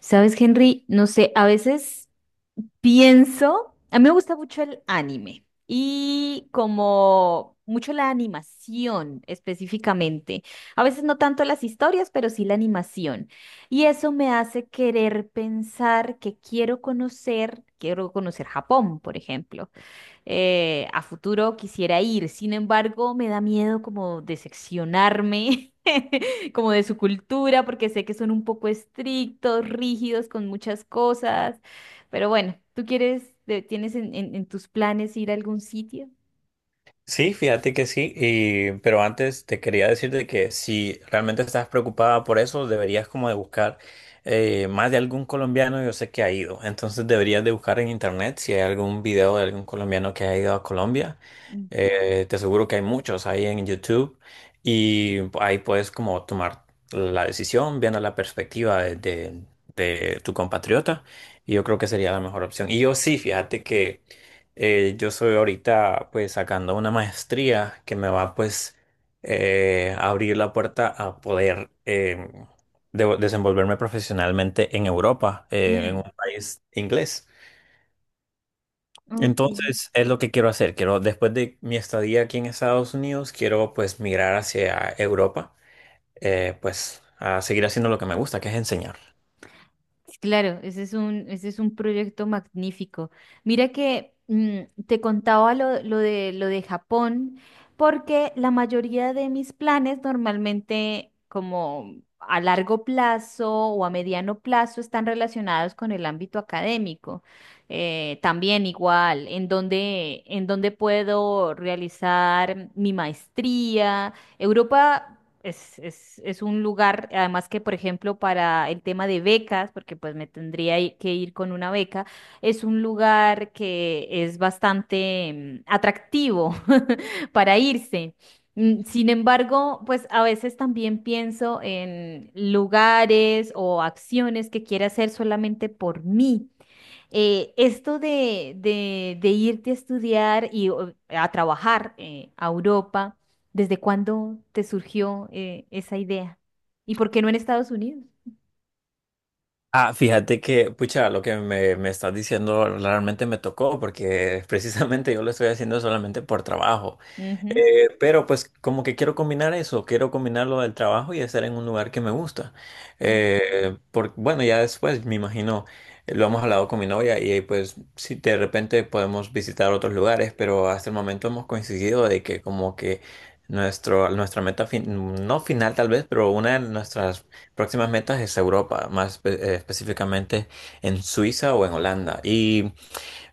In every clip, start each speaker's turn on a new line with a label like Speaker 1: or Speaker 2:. Speaker 1: Sabes, Henry, no sé, a veces pienso, a mí me gusta mucho el anime y como mucho la animación específicamente. A veces no tanto las historias, pero sí la animación. Y eso me hace querer pensar que quiero conocer Japón, por ejemplo, a futuro quisiera ir. Sin embargo, me da miedo como decepcionarme, como de su cultura, porque sé que son un poco estrictos, rígidos con muchas cosas. Pero bueno, ¿tú quieres, tienes en tus planes ir a algún sitio?
Speaker 2: Sí, fíjate que sí, y, pero antes te quería decirte que si realmente estás preocupada por eso, deberías como de buscar más de algún colombiano. Yo sé que ha ido, entonces deberías de buscar en internet si hay algún video de algún colombiano que ha ido a Colombia. Te aseguro que hay muchos ahí en YouTube y ahí puedes como tomar la decisión viendo la perspectiva de de tu compatriota, y yo creo que sería la mejor opción. Y yo sí, fíjate que... Yo soy ahorita pues sacando una maestría que me va pues a abrir la puerta a poder, desenvolverme profesionalmente en Europa, en un
Speaker 1: Mm,
Speaker 2: país inglés.
Speaker 1: ok.
Speaker 2: Entonces es lo que quiero hacer. Quiero, después de mi estadía aquí en Estados Unidos, quiero pues migrar hacia Europa, pues a seguir haciendo lo que me gusta, que es enseñar.
Speaker 1: Sí, claro, ese es un proyecto magnífico. Mira que te contaba lo de Japón, porque la mayoría de mis planes normalmente como a largo plazo o a mediano plazo están relacionados con el ámbito académico. También igual, en donde puedo realizar mi maestría. Europa es un lugar, además que, por ejemplo, para el tema de becas, porque pues me tendría que ir con una beca, es un lugar que es bastante atractivo para irse. Sin embargo, pues a veces también pienso en lugares o acciones que quiera hacer solamente por mí, esto de irte a estudiar y o, a trabajar, a Europa, ¿desde cuándo te surgió esa idea? ¿Y por qué no en Estados Unidos?
Speaker 2: Ah, fíjate que, pucha, lo que me estás diciendo realmente me tocó porque precisamente yo lo estoy haciendo solamente por trabajo.
Speaker 1: Ujú.
Speaker 2: Pero pues como que quiero combinar eso, quiero combinar lo del trabajo y estar en un lugar que me gusta. Bueno, ya después me imagino, lo hemos hablado con mi novia y pues si de repente podemos visitar otros lugares, pero hasta el momento hemos coincidido de que como que nuestra meta, no final tal vez, pero una de nuestras próximas metas es Europa, más específicamente en Suiza o en Holanda. Y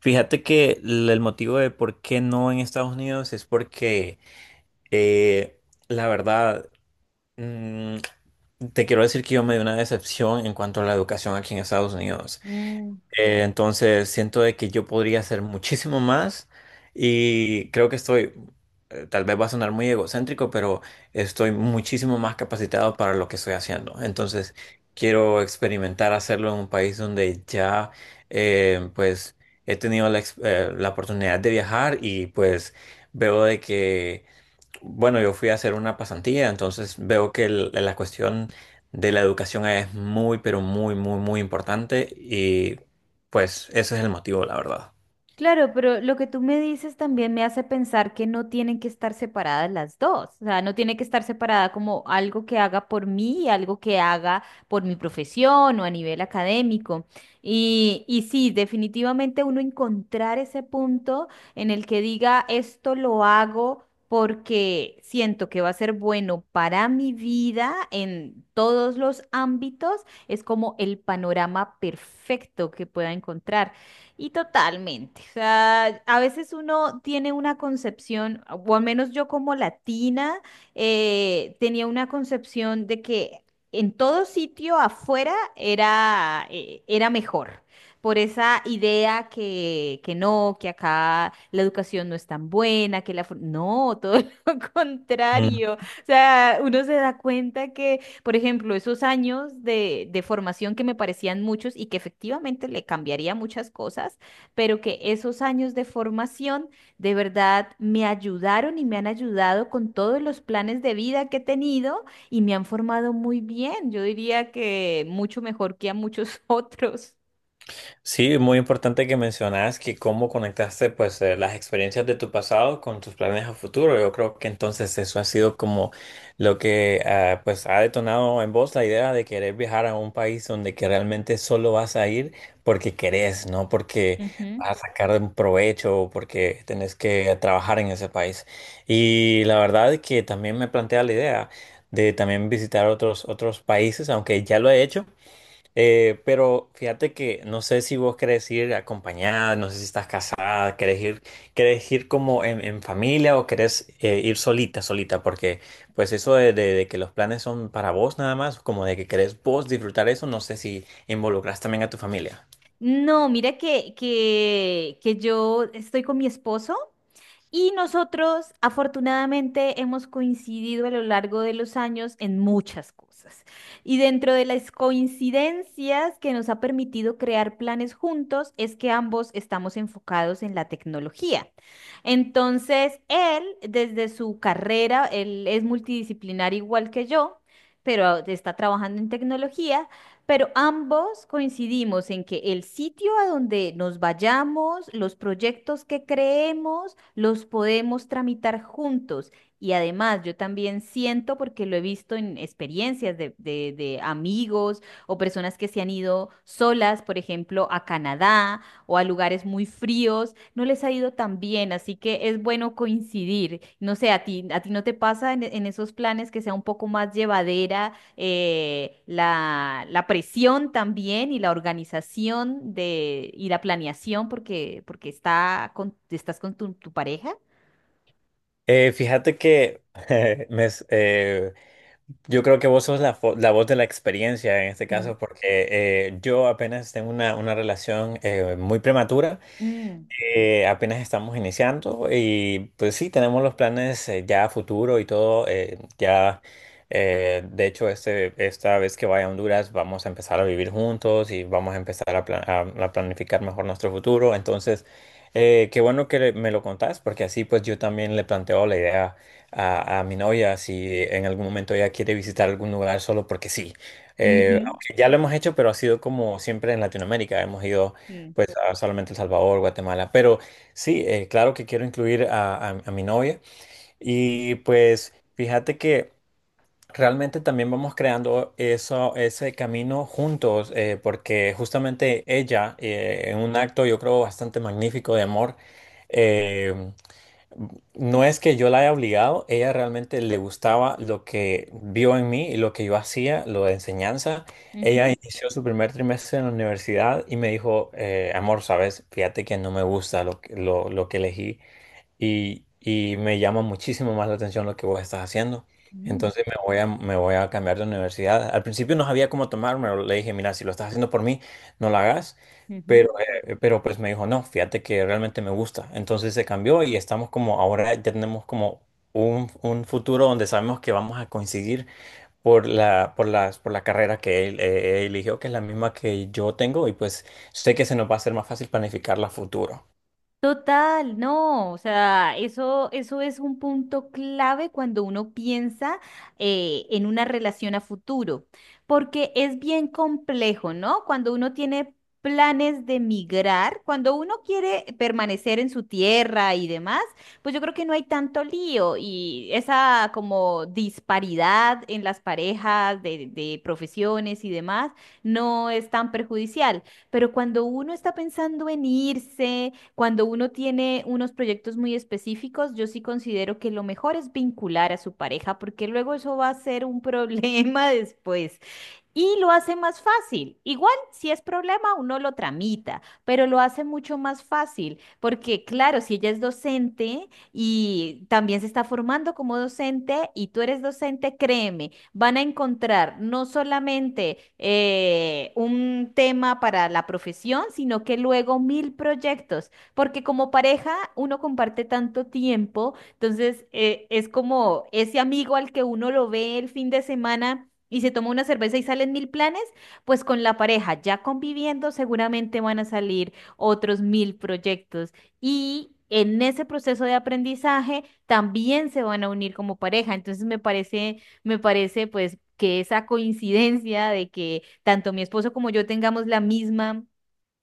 Speaker 2: fíjate que el motivo de por qué no en Estados Unidos es porque, eh, la verdad, mm, te quiero decir que yo me di una decepción en cuanto a la educación aquí en Estados Unidos.
Speaker 1: Mm.
Speaker 2: Entonces siento de que yo podría hacer muchísimo más, y creo que estoy, tal vez va a sonar muy egocéntrico, pero estoy muchísimo más capacitado para lo que estoy haciendo. Entonces quiero experimentar hacerlo en un país donde ya, pues he tenido la, la oportunidad de viajar y pues veo de que, bueno, yo fui a hacer una pasantía, entonces veo que la cuestión de la educación es muy, pero muy, muy, muy importante, y pues ese es el motivo, la verdad.
Speaker 1: Claro, pero lo que tú me dices también me hace pensar que no tienen que estar separadas las dos. O sea, no tiene que estar separada como algo que haga por mí y algo que haga por mi profesión o a nivel académico. Y sí, definitivamente uno encontrar ese punto en el que diga, esto lo hago porque siento que va a ser bueno para mi vida en todos los ámbitos, es como el panorama perfecto que pueda encontrar. Y totalmente. O sea, a veces uno tiene una concepción, o al menos yo como latina, tenía una concepción de que en todo sitio afuera era, era mejor. Por esa idea que no, que acá la educación no es tan buena, que la... No, todo lo contrario. O sea, uno se da cuenta que, por ejemplo, esos años de formación que me parecían muchos y que efectivamente le cambiaría muchas cosas, pero que esos años de formación de verdad me ayudaron y me han ayudado con todos los planes de vida que he tenido y me han formado muy bien. Yo diría que mucho mejor que a muchos otros.
Speaker 2: Sí, muy importante que mencionas que cómo conectaste pues, las experiencias de tu pasado con tus planes a futuro. Yo creo que entonces eso ha sido como lo que, ah, pues ha detonado en vos la idea de querer viajar a un país donde que realmente solo vas a ir porque querés, no porque
Speaker 1: Ujú.
Speaker 2: vas a sacar un provecho o porque tenés que trabajar en ese país. Y la verdad que también me plantea la idea de también visitar otros países, aunque ya lo he hecho. Pero fíjate que no sé si vos querés ir acompañada, no sé si estás casada, querés ir como en familia, o querés ir solita, solita, porque pues eso de que los planes son para vos nada más, como de que querés vos disfrutar eso, no sé si involucras también a tu familia.
Speaker 1: No, mira que yo estoy con mi esposo. Y nosotros, afortunadamente, hemos coincidido a lo largo de los años en muchas cosas. Y dentro de las coincidencias que nos ha permitido crear planes juntos es que ambos estamos enfocados en la tecnología. Entonces, él, desde su carrera, él es multidisciplinar igual que yo, pero está trabajando en tecnología. Pero ambos coincidimos en que el sitio a donde nos vayamos, los proyectos que creemos, los podemos tramitar juntos. Y además, yo también siento, porque lo he visto en experiencias de amigos o personas que se han ido solas, por ejemplo, a Canadá o a lugares muy fríos, no les ha ido tan bien, así que es bueno coincidir. No sé, a ti no te pasa en esos planes que sea un poco más llevadera, la presión también y la organización y la planeación porque, estás con tu pareja.
Speaker 2: Fíjate que me s- eh, yo creo que vos sos la, la voz de la experiencia en este
Speaker 1: Mm.
Speaker 2: caso, porque, yo apenas tengo una relación muy prematura.
Speaker 1: Mm,
Speaker 2: Apenas estamos iniciando y pues sí, tenemos los planes, ya a futuro y todo. Ya, de hecho, esta vez que vaya a Honduras vamos a empezar a vivir juntos y vamos a empezar a, a planificar mejor nuestro futuro. Entonces, qué bueno que me lo contás, porque así pues yo también le planteo la idea a mi novia si en algún momento ella quiere visitar algún lugar solo porque sí.
Speaker 1: ujú,
Speaker 2: Aunque ya lo hemos hecho, pero ha sido como siempre en Latinoamérica. Hemos ido
Speaker 1: mm,
Speaker 2: pues, ah, solamente El Salvador, Guatemala. Pero sí, claro que quiero incluir a mi novia. Y pues fíjate que realmente también vamos creando eso, ese camino juntos, porque justamente ella, en un acto yo creo bastante magnífico de amor, eh, no es que yo la haya obligado, ella realmente le gustaba lo que vio en mí y lo que yo hacía, lo de enseñanza. Ella
Speaker 1: ujú,
Speaker 2: inició su primer trimestre en la universidad y me dijo, amor, sabes, fíjate que no me gusta lo que elegí, y me llama muchísimo más la atención lo que vos estás haciendo.
Speaker 1: mm,
Speaker 2: Entonces me voy a cambiar de universidad. Al principio no sabía cómo tomármelo. Le dije, mira, si lo estás haciendo por mí, no lo hagas.
Speaker 1: ujú.
Speaker 2: Pero pues me dijo, no, fíjate que realmente me gusta. Entonces se cambió y estamos como, ahora ya tenemos como un futuro donde sabemos que vamos a coincidir por la carrera que él eligió, que es la misma que yo tengo. Y pues sé que se nos va a hacer más fácil planificar la futuro.
Speaker 1: Total, no, o sea, eso es un punto clave cuando uno piensa, en una relación a futuro, porque es bien complejo, ¿no? Cuando uno tiene planes de migrar, cuando uno quiere permanecer en su tierra y demás, pues yo creo que no hay tanto lío y esa como disparidad en las parejas de profesiones y demás no es tan perjudicial, pero cuando uno está pensando en irse, cuando uno tiene unos proyectos muy específicos, yo sí considero que lo mejor es vincular a su pareja, porque luego eso va a ser un problema después y lo hace más fácil. Igual, si es problema, uno lo tramita, pero lo hace mucho más fácil, porque claro, si ella es docente y también se está formando como docente y tú eres docente, créeme, van a encontrar no solamente un tema para la profesión, sino que luego mil proyectos, porque como pareja uno comparte tanto tiempo, entonces, es como ese amigo al que uno lo ve el fin de semana y se toma una cerveza y salen mil planes, pues con la pareja, ya conviviendo, seguramente van a salir otros mil proyectos. Y en ese proceso de aprendizaje también se van a unir como pareja. Entonces me parece pues que esa coincidencia de que tanto mi esposo como yo tengamos la misma,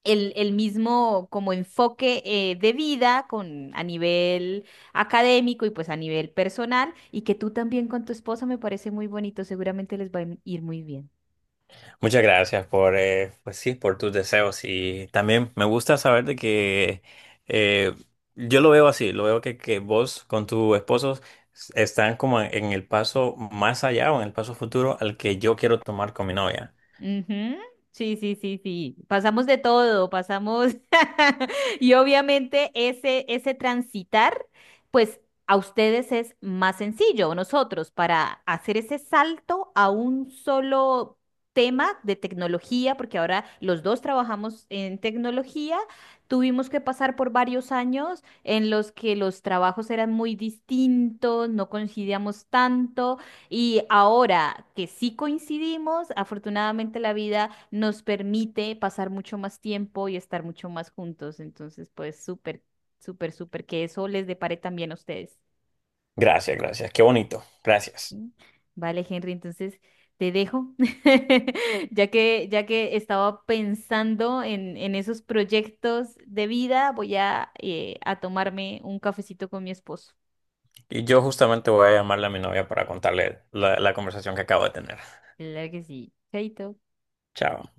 Speaker 1: el mismo como enfoque de vida con, a nivel académico y pues a nivel personal y que tú también con tu esposa me parece muy bonito, seguramente les va a ir muy bien.
Speaker 2: Muchas gracias por, pues sí, por tus deseos, y también me gusta saber de que, eh, yo lo veo así, lo veo que vos con tu esposo están como en el paso más allá o en el paso futuro al que yo quiero tomar con mi novia.
Speaker 1: Ujú. Sí, sí, sí, sí. Pasamos de todo, pasamos. Y obviamente ese transitar, pues a ustedes es más sencillo, nosotros, para hacer ese salto a un solo tema de tecnología, porque ahora los dos trabajamos en tecnología, tuvimos que pasar por varios años en los que los trabajos eran muy distintos, no coincidíamos tanto. Y ahora que sí coincidimos, afortunadamente la vida nos permite pasar mucho más tiempo y estar mucho más juntos. Entonces, pues súper, súper, súper que eso les depare también a ustedes.
Speaker 2: Gracias, gracias, qué bonito, gracias.
Speaker 1: ¿Sí? Vale, Henry, entonces te dejo, ya que estaba pensando en esos proyectos de vida, voy a tomarme un cafecito con mi esposo.
Speaker 2: Y yo justamente voy a llamarle a mi novia para contarle la conversación que acabo de tener.
Speaker 1: Claro que sí. Chaito.
Speaker 2: Chao.